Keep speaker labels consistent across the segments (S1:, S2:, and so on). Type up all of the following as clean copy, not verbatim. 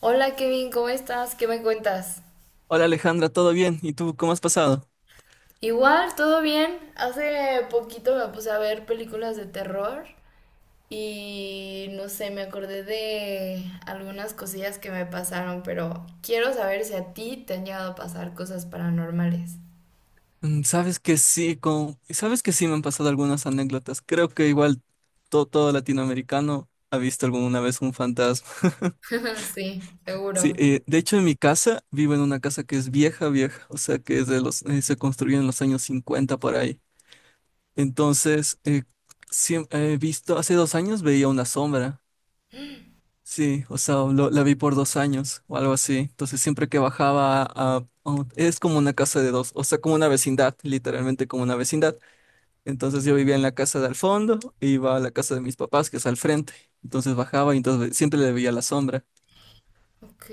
S1: Hola Kevin, ¿cómo estás? ¿Qué me cuentas?
S2: Hola Alejandra, ¿todo bien? ¿Y tú cómo has pasado?
S1: Igual, todo bien. Hace poquito me puse a ver películas de terror y no sé, me acordé de algunas cosillas que me pasaron, pero quiero saber si a ti te han llegado a pasar cosas paranormales.
S2: Sabes que sí, me han pasado algunas anécdotas. Creo que igual todo latinoamericano ha visto alguna vez un fantasma.
S1: Sí,
S2: Sí,
S1: seguro.
S2: de hecho, en mi casa vivo en una casa que es vieja, vieja, o sea que es se construyó en los años 50 por ahí. Entonces, he visto, hace 2 años veía una sombra. Sí, o sea, la vi por 2 años o algo así. Entonces, siempre que bajaba es como una casa de dos, o sea, como una vecindad, literalmente como una vecindad. Entonces yo vivía en la casa de al fondo, e iba a la casa de mis papás, que es al frente. Entonces bajaba y entonces siempre le veía la sombra.
S1: Ok,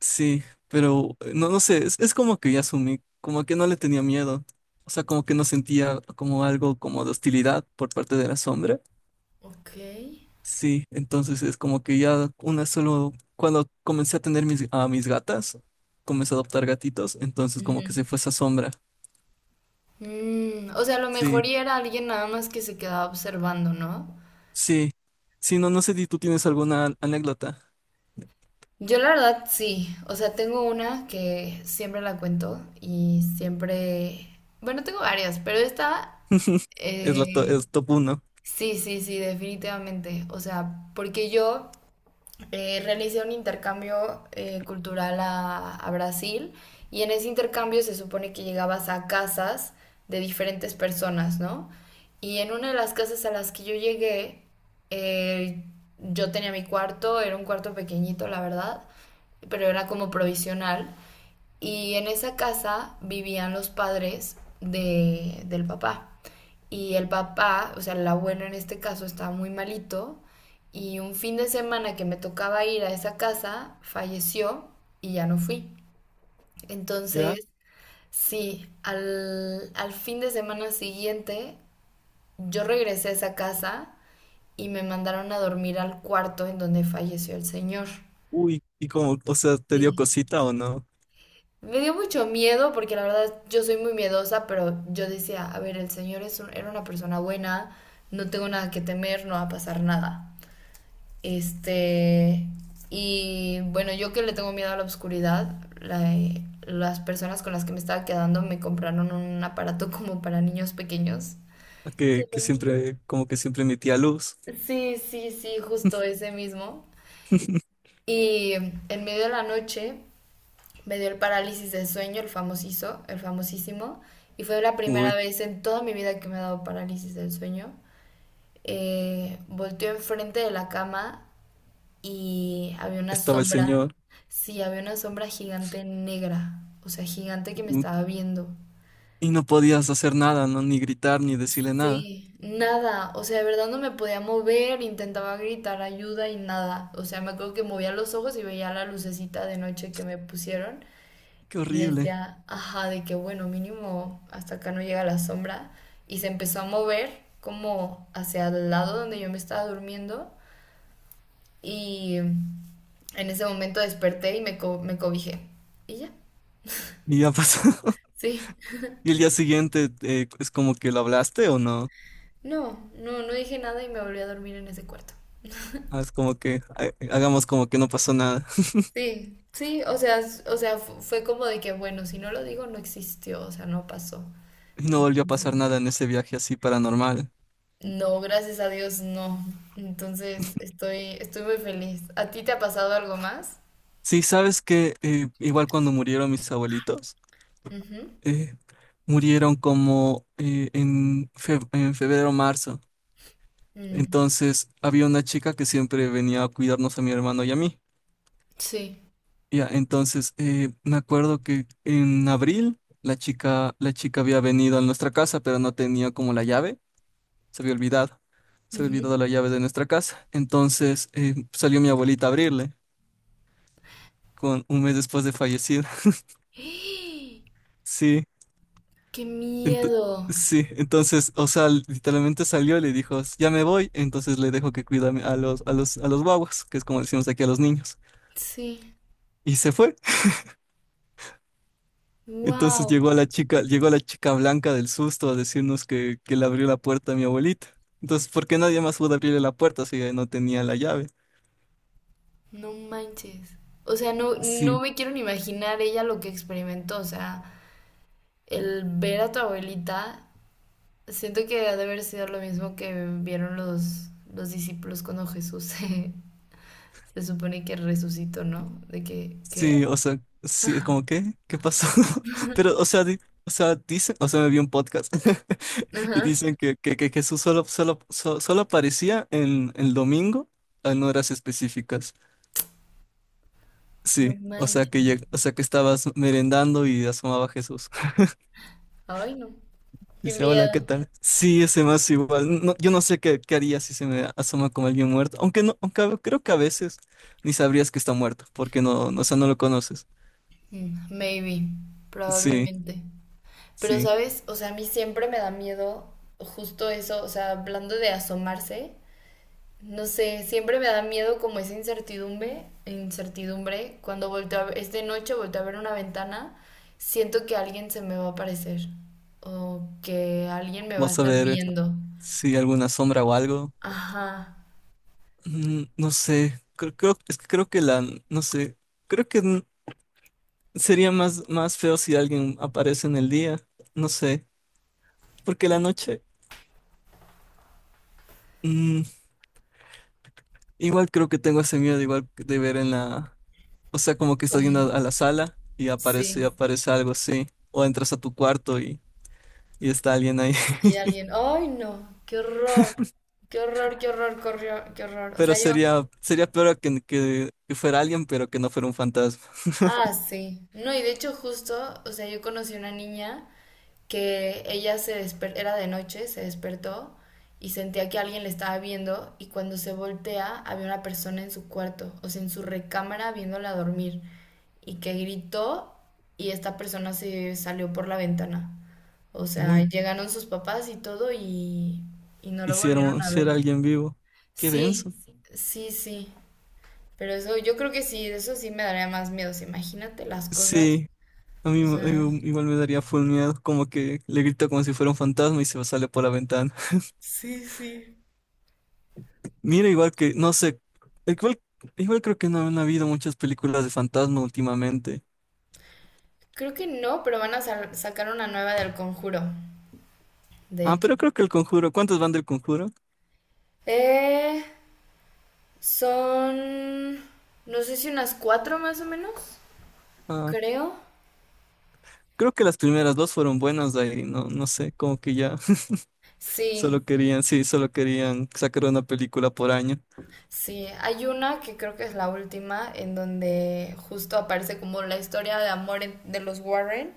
S2: Sí, pero no, no sé, es como que ya asumí, como que no le tenía miedo. O sea, como que no sentía como algo como de hostilidad por parte de la sombra.
S1: ok.
S2: Sí, entonces es como que ya una solo, cuando comencé a tener a mis gatas, comencé a adoptar gatitos, entonces como que
S1: Ujú.
S2: se fue esa sombra.
S1: O sea, a lo
S2: Sí,
S1: mejor y era alguien nada más que se quedaba observando, ¿no?
S2: sí, sí, no, no sé si tú tienes alguna anécdota.
S1: Yo la verdad sí, o sea, tengo una que siempre la cuento y siempre, bueno, tengo varias, pero esta,
S2: Es la to-
S1: eh,
S2: es top uno,
S1: sí, sí, sí, definitivamente, o sea, porque yo realicé un intercambio cultural a Brasil y en ese intercambio se supone que llegabas a casas de diferentes personas, ¿no? Y en una de las casas a las que yo llegué, eh, yo tenía mi cuarto, era un cuarto pequeñito, la verdad, pero era como provisional. Y en esa casa vivían los padres de, del papá. Y el papá, o sea, el abuelo en este caso, estaba muy malito. Y un fin de semana que me tocaba ir a esa casa, falleció y ya no fui.
S2: ¿ya?
S1: Entonces, sí, al fin de semana siguiente, yo regresé a esa casa y me mandaron a dormir al cuarto en donde falleció el señor.
S2: Uy, y como, o sea, ¿te dio
S1: Sí.
S2: cosita o no?
S1: Me dio mucho miedo porque la verdad yo soy muy miedosa, pero yo decía, a ver, el señor es un- era una persona buena, no tengo nada que temer, no va a pasar nada. Este, y bueno, yo que le tengo miedo a la oscuridad, la- las personas con las que me estaba quedando me compraron un aparato como para niños pequeños. que
S2: Que
S1: lo-
S2: siempre, como que siempre emitía luz.
S1: Sí, sí, sí, justo ese mismo. Y en medio de la noche me dio el parálisis de sueño, el famosísimo, y fue la primera
S2: Uy,
S1: vez en toda mi vida que me ha dado parálisis del sueño. Volteó enfrente de la cama y había una
S2: estaba el
S1: sombra,
S2: señor.
S1: sí, había una sombra gigante negra, o sea, gigante que me
S2: Uy,
S1: estaba viendo.
S2: y no podías hacer nada, ¿no? Ni gritar, ni decirle nada.
S1: Sí, nada, o sea, de verdad no me podía mover, intentaba gritar ayuda y nada. O sea, me acuerdo que movía los ojos y veía la lucecita de noche que me pusieron
S2: ¡Qué
S1: y
S2: horrible!
S1: decía, ajá, de que bueno, mínimo hasta acá no llega la sombra. Y se empezó a mover como hacia el lado donde yo me estaba durmiendo y en ese momento desperté y me cobijé. Y ya.
S2: Y ya pasó.
S1: Sí.
S2: Y el día siguiente, ¿es como que lo hablaste o no?
S1: No, no, no dije nada y me volví a dormir en ese cuarto.
S2: Ah, es como que hagamos como que no pasó nada.
S1: Sí, sí, o sea, fue como de que, bueno, si no lo digo, no existió, o sea, no pasó.
S2: ¿Y no volvió a
S1: Entonces,
S2: pasar nada en ese viaje así paranormal?
S1: no, gracias a Dios, no. Entonces, estoy muy feliz. ¿A ti te ha pasado algo más?
S2: Sí, sabes que igual cuando murieron mis abuelitos,
S1: Ujú.
S2: eh, murieron como en febrero o marzo.
S1: Mm.
S2: Entonces había una chica que siempre venía a cuidarnos a mi hermano y a mí.
S1: Sí.
S2: Ya, entonces me acuerdo que en abril la chica había venido a nuestra casa, pero no tenía como la llave. se había olvidado, se había
S1: Ujú.
S2: olvidado la llave de nuestra casa. Entonces, salió mi abuelita a abrirle, con un mes después de fallecida.
S1: ¡Eh!
S2: Sí,
S1: ¡Qué
S2: ento-
S1: miedo!
S2: sí, entonces, o sea, literalmente salió y le dijo: ya me voy, entonces le dejo que cuida a a los guaguas, que es como decimos aquí a los niños.
S1: Sí.
S2: Y se fue. Entonces
S1: Wow.
S2: llegó la chica blanca del susto a decirnos que le abrió la puerta a mi abuelita. Entonces, ¿por qué nadie más pudo abrirle la puerta si ella no tenía la llave?
S1: No manches. O sea, no, no
S2: Sí.
S1: me quiero ni imaginar ella lo que experimentó, o sea. El ver a tu abuelita, siento que ha de haber sido lo mismo que vieron los discípulos cuando Jesús se supone que resucitó, ¿no? De que, ¿qué?
S2: Sí, o sea, sí, es como, ¿qué? ¿Qué pasó? Pero, o sea, o sea, dicen, o sea, me vi un podcast
S1: Sí.
S2: y
S1: Ajá.
S2: dicen que Jesús solo aparecía en el domingo en horas específicas.
S1: No
S2: Sí, o sea,
S1: manches.
S2: que estabas merendando y asomaba Jesús.
S1: Ay, no. Qué
S2: Dice: hola, ¿qué
S1: miedo.
S2: tal? Sí, ese más igual. No, yo no sé qué haría si se me asoma como alguien muerto, aunque no, creo que a veces ni sabrías que está muerto, porque o sea, no lo conoces.
S1: Maybe,
S2: Sí,
S1: probablemente. Pero,
S2: sí.
S1: ¿sabes? O sea, a mí siempre me da miedo justo eso, o sea, hablando de asomarse. No sé, siempre me da miedo como esa incertidumbre, incertidumbre. Cuando volteo a ver, es de noche, volteo a ver una ventana, siento que alguien se me va a aparecer o que alguien me va a
S2: Vas a
S1: estar
S2: ver.
S1: viendo.
S2: Sí, alguna sombra o algo.
S1: Ajá.
S2: No sé, es que creo que la, no sé, creo que n- sería más feo si alguien aparece en el día, no sé, porque la
S1: Pues,
S2: noche, mm, igual creo que tengo ese miedo, igual de ver en la, o sea, como que estás
S1: como,
S2: yendo a la sala y aparece,
S1: sí,
S2: aparece algo así, o entras a tu cuarto y está alguien ahí.
S1: y alguien, ay no, qué horror, qué horror, qué horror, corrió, qué horror. O
S2: Pero
S1: sea, yo,
S2: sería peor que fuera alguien, pero que no fuera un fantasma.
S1: ah, sí. No, y de hecho justo, o sea, yo conocí una niña que ella se desper era de noche, se despertó y sentía que alguien le estaba viendo y cuando se voltea había una persona en su cuarto, o sea, en su recámara viéndola dormir y que gritó y esta persona se salió por la ventana. O sea,
S2: Uy,
S1: llegaron sus papás y todo y no lo
S2: si
S1: volvieron
S2: era
S1: a
S2: si era
S1: ver.
S2: alguien vivo, qué denso.
S1: Sí, sí, sí. Pero eso, yo creo que sí, eso sí me daría más miedo. O sea, imagínate las cosas.
S2: Sí, A
S1: O
S2: mí me-
S1: sea,
S2: igu- igual me daría full miedo, como que le grito como si fuera un fantasma y se sale por la ventana.
S1: sí, sí.
S2: Mira, igual que, no sé, igual, igual creo que no han habido muchas películas de fantasma últimamente.
S1: Creo que no, pero van a sacar una nueva del Conjuro, de
S2: Ah,
S1: hecho.
S2: pero creo que El Conjuro, ¿cuántas van del Conjuro?
S1: Eh, son, no sé si unas cuatro más o menos,
S2: Ah,
S1: creo.
S2: creo que las primeras dos fueron buenas, de ahí, no, no sé, como que ya
S1: Sí,
S2: solo querían, sí, solo querían sacar una película por año.
S1: sí, hay una que creo que es la última, en donde justo aparece como la historia de amor de los Warren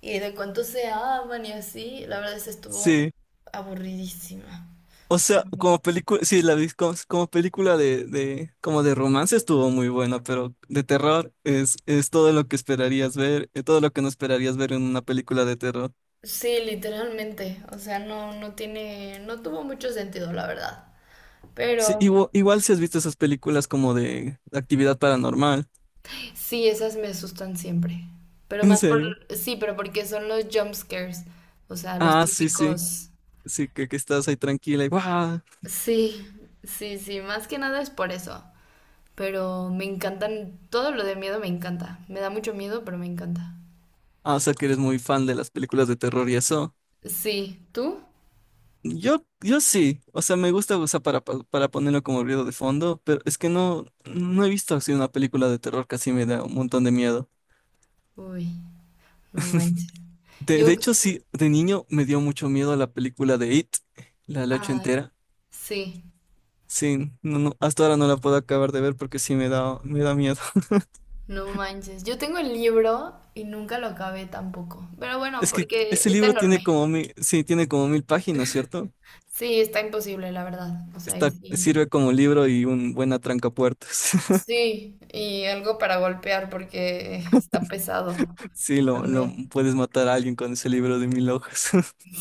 S1: y de cuánto se aman y así. La verdad es que estuvo
S2: Sí.
S1: aburridísima.
S2: O
S1: La
S2: sea, como película, sí, la vi como película como de romance estuvo muy buena, pero de terror es todo lo que esperarías ver, todo lo que no esperarías ver en una película de terror.
S1: Sí, literalmente. O sea, no, no tiene, no tuvo mucho sentido, la verdad.
S2: Sí,
S1: Pero
S2: igual si has visto esas películas como de actividad paranormal.
S1: Sí, esas me asustan siempre. Pero
S2: ¿En
S1: más por,
S2: serio?
S1: sí, pero porque son los jump scares, o sea, los
S2: Ah, sí, sí,
S1: típicos.
S2: sí, que estás ahí tranquila y ¡guau!
S1: Sí, sí, sí, más que nada es por eso. Pero me encantan, todo lo de miedo me encanta. Me da mucho miedo, pero me encanta.
S2: Ah, ¿o sea que eres muy fan de las películas de terror y eso?
S1: Sí, ¿tú?
S2: Yo sí, o sea, me gusta usar para ponerlo como ruido de fondo, pero es que no, no he visto así una película de terror que así me da un montón de miedo.
S1: Uy, no manches.
S2: De
S1: Yo,
S2: hecho, sí, de niño me dio mucho miedo la película de It, la ocho
S1: ay,
S2: entera.
S1: sí,
S2: Sí, no, no, hasta ahora no la puedo acabar de ver porque sí me da miedo.
S1: no manches. Yo tengo el libro y nunca lo acabé tampoco. Pero bueno,
S2: Es que
S1: porque
S2: ese
S1: está
S2: libro tiene
S1: enorme.
S2: como 1.000, sí, tiene como 1.000 páginas, ¿cierto?
S1: Sí, está imposible, la verdad. O sea, ahí sí.
S2: Sirve como libro y un buen atrancapuertas.
S1: Sí, y algo para golpear porque está pesado
S2: Sí, lo
S1: también.
S2: puedes matar a alguien con ese libro de 1.000 hojas.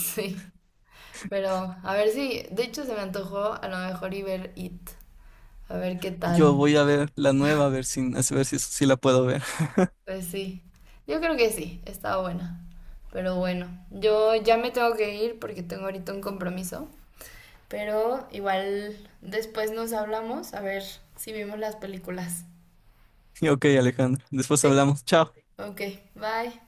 S1: Sí, pero a ver si, de hecho se me antojó a lo mejor y ver It, a ver qué tal.
S2: Yo voy a ver la nueva, a ver si la puedo ver.
S1: Pues sí, yo creo que sí, está buena. Pero bueno, yo ya me tengo que ir porque tengo ahorita un compromiso. Pero igual después nos hablamos a ver si vimos las películas.
S2: Y ok, Alejandro, después
S1: Sí.
S2: hablamos. Chao.
S1: Ok, bye.